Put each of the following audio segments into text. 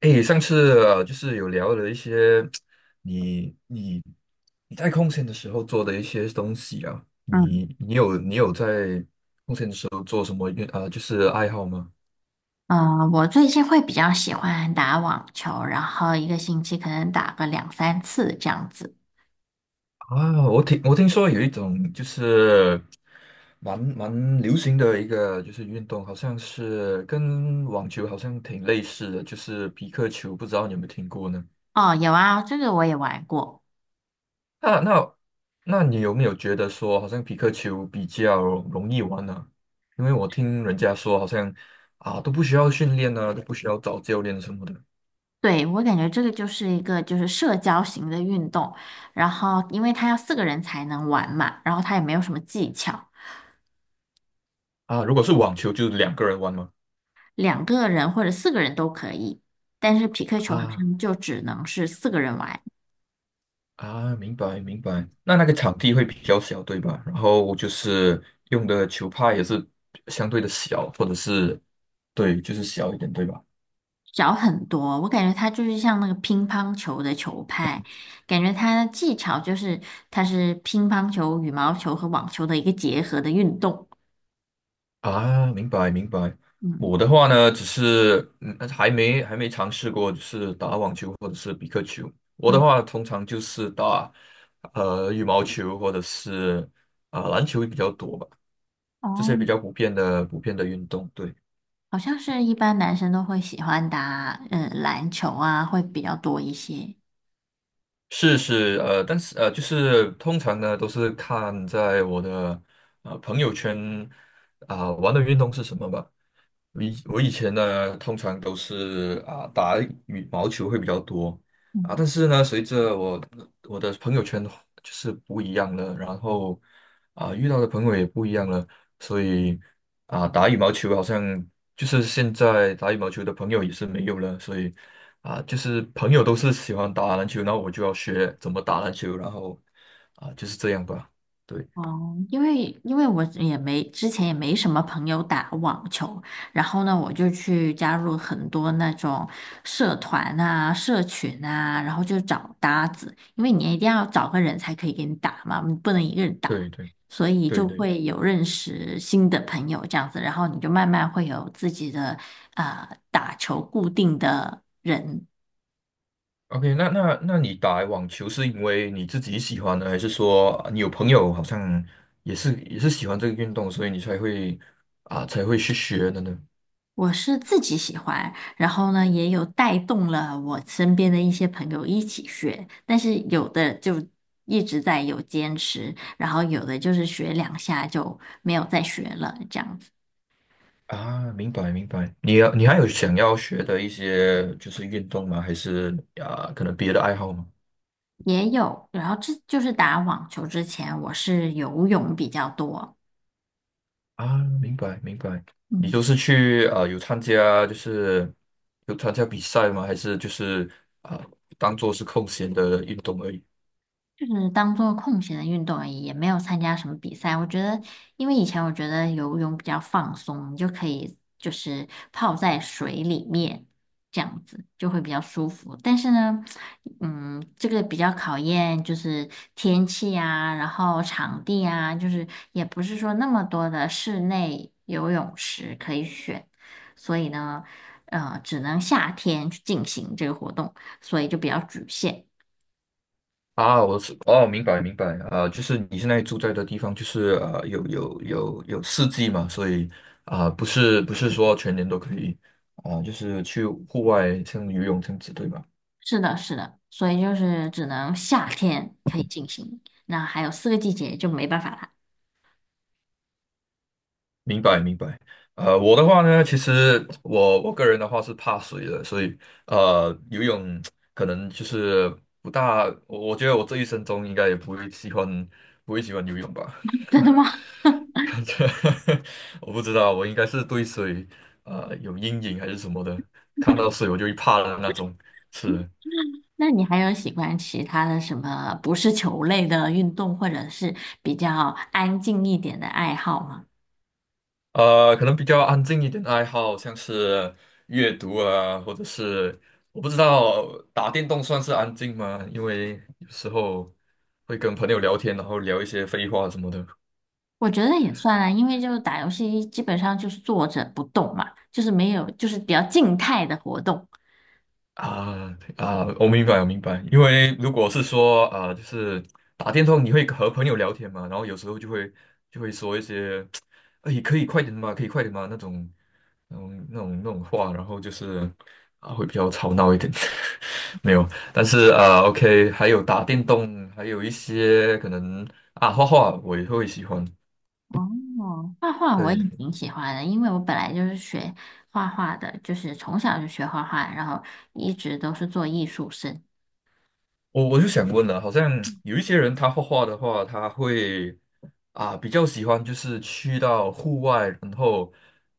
哎，上次就是有聊了一些你你你在空闲的时候做的一些东西啊，嗯，你有在做做什么运啊、呃就是爱好吗？我最近会比较喜欢打网球，然后一个星期可能打个两三次这样子。啊，我听说有一种就是蛮流行的一个就是运动，好像是跟网球好像挺类似的，就是皮克球，不知道你有没有听过呢？哦，有啊，这个我也玩过。那那那你有没有觉得说，好像皮克球比较容易玩呢，因为我听人家说，好像啊都不需要训练啊，都不需要找教练什么的对，我感觉这个就是一个就是社交型的运动，然后因为它要四个人才能玩嘛，然后它也没有什么技巧。啊。如果是网球，就两个人玩吗？两个人或者四个人都可以，但是匹克球好啊像就只能是四个人玩。啊，明白明白。那那个场地会比较小，对吧？然后就是用的球拍也是相对的小，或者是对，就是小一点，对吧？小很多，我感觉它就是像那个乒乓球的球拍，感觉它的技巧就是它是乒乓球、羽毛球和网球的一个结合的运动。啊，明白明白。嗯我的话呢，只是，还没尝试过，就是打网球或者是比克球。我的嗯。话，通常就是打羽毛球或者是啊、篮球比较多吧，这些比哦，较普遍的运动。对，好像是一般男生都会喜欢打篮球啊，会比较多一些。是是，但是，就是通常呢都是看在我的朋友圈啊、玩的运动是什么吧。我以前呢，通常都是啊打羽毛球会比较多啊。但嗯。是呢，随着我的朋友圈就是不一样了，然后啊遇到的朋友也不一样了，所以啊打羽毛球好像就是现在打羽毛球的朋友也是没有了，所以啊就是朋友都是喜欢打篮球，然后我就要学怎么打篮球，然后啊就是这样吧，对哦，因为因为我也没之前也没什么朋友打网球，然后呢，我就去加入很多那种社团啊、社群啊，然后就找搭子，因为你一定要找个人才可以给你打嘛，你不能一个人打，对对所以对就对。会有认识新的朋友这样子，然后你就慢慢会有自己的啊、打球固定的人。OK，那那你打网球是因为你自己喜欢呢，还是说啊你有朋友好像也是喜欢这个运动，所以你才会去学的呢？我是自己喜欢，然后呢，也有带动了我身边的一些朋友一起学，但是有的就一直在有坚持，然后有的就是学两下就没有再学了，这样子啊，明白明白。你还有想要学的一些就是运动吗？还是啊可能别的爱好吗？也有。然后这就是打网球之前，我是游泳比较多。啊，明白明白。你嗯。都是去啊有参加比赛吗？还是就是啊当做是空闲的运动而已？就是当做空闲的运动而已，也没有参加什么比赛。我觉得，因为以前我觉得游泳比较放松，你就可以就是泡在水里面，这样子就会比较舒服。但是呢，这个比较考验就是天气啊，然后场地啊，就是也不是说那么多的室内游泳池可以选，所以呢，只能夏天去进行这个活动，所以就比较局限。啊，我是哦，明白明白。啊，就是你现在住在的地方，就是有四季嘛，所以啊、不是说全年都可以啊、就是去户外像游泳这样子，对吧？是的，是的，所以就是只能夏天可以进行，那还有四个季节就没办法了。明白明白。我的话呢，其实我个人的话是怕水的，所以游泳可能就是不大，我觉得我这一生中应该也不会喜欢游泳吧。真的吗？这我不知道，我应该是对水有阴影还是什么的，看到水我就会怕的那种。是。那你还有喜欢其他的什么不是球类的运动，或者是比较安静一点的爱好吗？可能比较安静一点的爱好，像是阅读啊，或者是我不知道打电动算是安静吗？因为有时候会跟朋友聊天，然后聊一些废话什么的。我觉得也算啊，因为就打游戏基本上就是坐着不动嘛，就是没有，就是比较静态的活动。啊啊，我明白，我明白。因为如果是说啊，就是打电动，你会和朋友聊天嘛，然后有时候就会说一些，哎，可以快点嘛，可以快点嘛那种，那种话，然后就是啊，会比较吵闹一点。没有，但是啊，OK，还有打电动，还有一些可能啊，画画我也会喜欢。哦，画画我对，也挺喜欢的，因为我本来就是学画画的，就是从小就学画画，然后一直都是做艺术生。我就想问了，好像有一些人他画画的话，他会啊比较喜欢就是去到户外，然后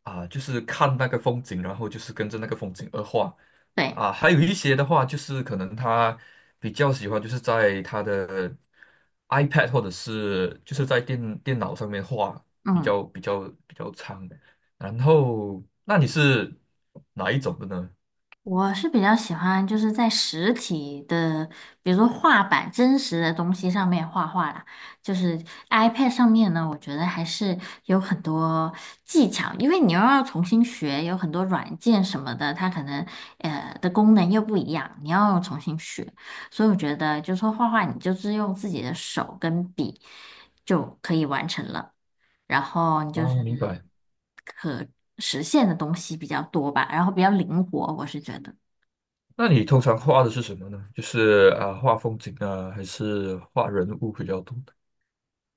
啊就是看那个风景，然后就是跟着那个风景而画对。啊。还有一些的话，就是可能他比较喜欢就是在他的 iPad 或者是就是在电脑上面画，比嗯，较比较比较长。然后，那你是哪一种的呢？我是比较喜欢就是在实体的，比如说画板、真实的东西上面画画啦。就是 iPad 上面呢，我觉得还是有很多技巧，因为你又要重新学，有很多软件什么的，它可能的功能又不一样，你要重新学。所以我觉得，就是说画画，你就是用自己的手跟笔就可以完成了。然后你就啊，是明白。可实现的东西比较多吧，然后比较灵活，我是觉得。那你通常画的是什么呢？就是啊，画风景啊，还是画人物比较多？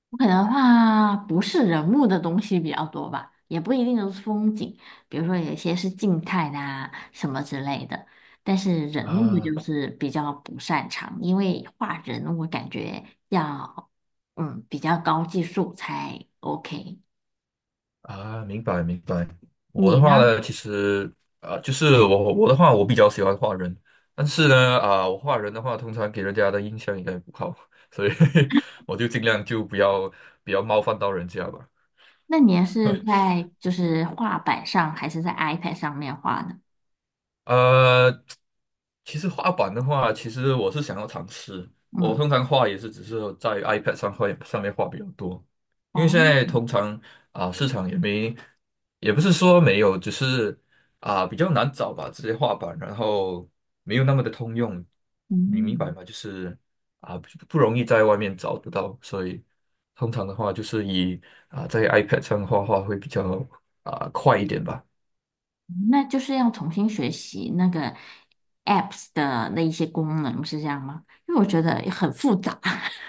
我可能画不是人物的东西比较多吧，也不一定都是风景，比如说有一些是静态的啊什么之类的，但是人物啊就是比较不擅长，因为画人我感觉要比较高技术才 OK。啊，明白明白。我的你话呢？呢，其实啊，就是我的话，我比较喜欢画人，但是呢，啊，我画人的话，通常给人家的印象应该不好，所以 我就尽量就不要冒犯到人家吧。那你是 在就是画板上还是在 iPad 上面画呢？呃，其实画板的话，其实我是想要尝试。我嗯。通常画也是只是在 iPad 上面画比较多，因为现哦。在通常啊、市场也没，也不是说没有，只是啊、比较难找吧这些画板，然后没有那么的通用，你明白嗯，吗？就是啊、不容易在外面找得到，所以通常的话就是以啊、在 iPad 上画画会比较啊、快一点吧。那就是要重新学习那个 apps 的那一些功能，是这样吗？因为我觉得很复杂，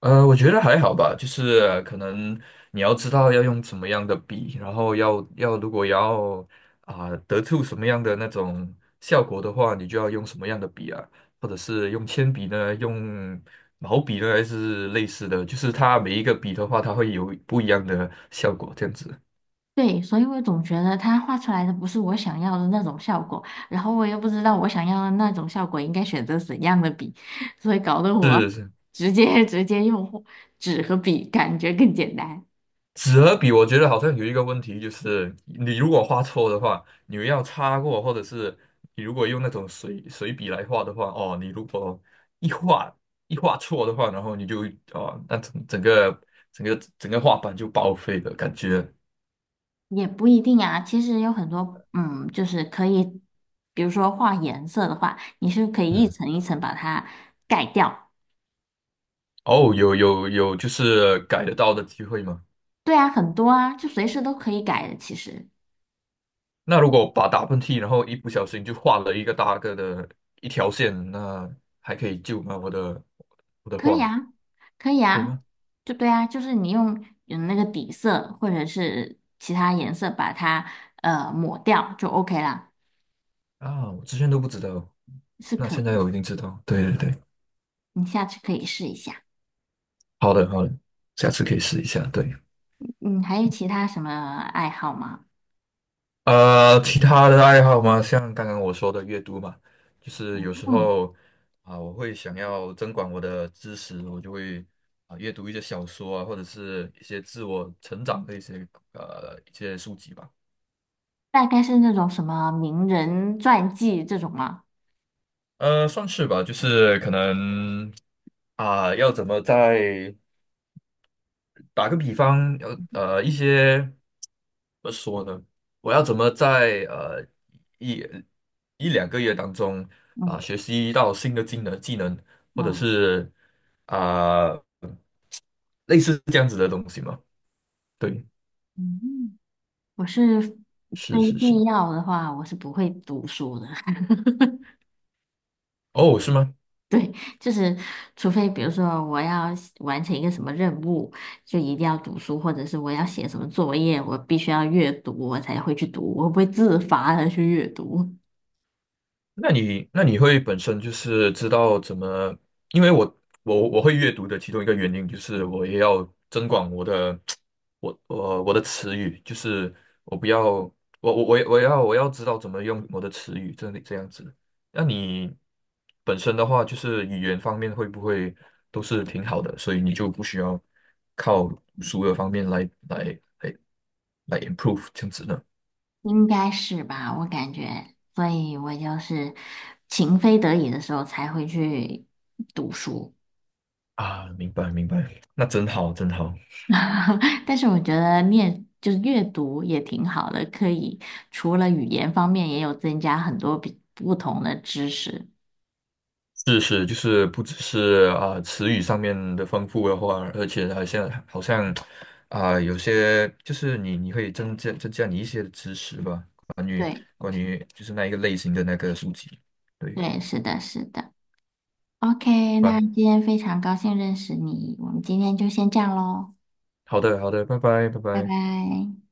我觉得还好吧，就是可能你要知道要用什么样的笔，然后如果要啊、得出什么样的那种效果的话，你就要用什么样的笔啊，或者是用铅笔呢，用毛笔呢，还是类似的，就是它每一个笔的话，它会有不一样的效果，这样子。对，所以我总觉得它画出来的不是我想要的那种效果，然后我又不知道我想要的那种效果应该选择怎样的笔，所以搞得我 是。直接用纸和笔，感觉更简单。纸和笔，我觉得好像有一个问题，就是你如果画错的话，你要擦过，或者是你如果用那种水笔来画的话，哦，你如果一画一画错的话，然后你就哦，那整个画板就报废了，感觉。也不一定啊，其实有很多，嗯，就是可以，比如说画颜色的话，你是可以一嗯，层一层把它盖掉。哦，有，就是改得到的机会吗？对啊，很多啊，就随时都可以改的，其实那如果把打喷嚏，然后一不小心就画了一个大个的一条线，那还可以救吗？我的可以画啊，可以可以啊，吗？就对啊，就是你用那个底色或者是其他颜色把它抹掉就 OK 啦，啊，我之前都不知道。是那可现以在的，我一定知道，对对对，你下次可以试一下。好的好的，下次可以试一下。对，嗯，还有其他什么爱好吗？其他的爱好吗？像刚刚我说的阅读嘛，就是有时嗯，候啊、我会想要增广我的知识，我就会啊、阅读一些小说啊，或者是一些自我成长的一些一些书籍吧。大概是那种什么名人传记这种吗？算是吧，就是可能啊、要怎么在打个比方，一些怎么说呢？我要怎么在一一两个月当中啊、嗯学习到新的技能，或者嗯是啊、类似这样子的东西嘛？对，嗯，我是非是是是，必要的话，我是不会读书的。哦，是吗？就是，除非比如说我要写完成一个什么任务，就一定要读书，或者是我要写什么作业，我必须要阅读，我才会去读，我不会自发的去阅读，那你会本身就是知道怎么？因为我会阅读的其中一个原因就是我也要增广我的 我的词语，就是我不要我也我要知道怎么用我的词语，这里这样子。那你本身的话，就是语言方面会不会都是挺好的，所以你就不需要靠读书的方面来improve 这样子呢？应该是吧？我感觉，所以我就是情非得已的时候才会去读书。啊，明白明白，那真好真好。但是我觉得念就是阅读也挺好的，可以除了语言方面，也有增加很多比不同的知识。知识就是不只是啊、词语上面的丰富的话，而且好像啊、有些就是你可以增加你一些的知识吧，关于对，就是那一个类型的那个书籍，对对，是的，是的。OK，那吧？今天非常高兴认识你，我们今天就先这样喽，好的好的，拜拜拜拜拜。拜。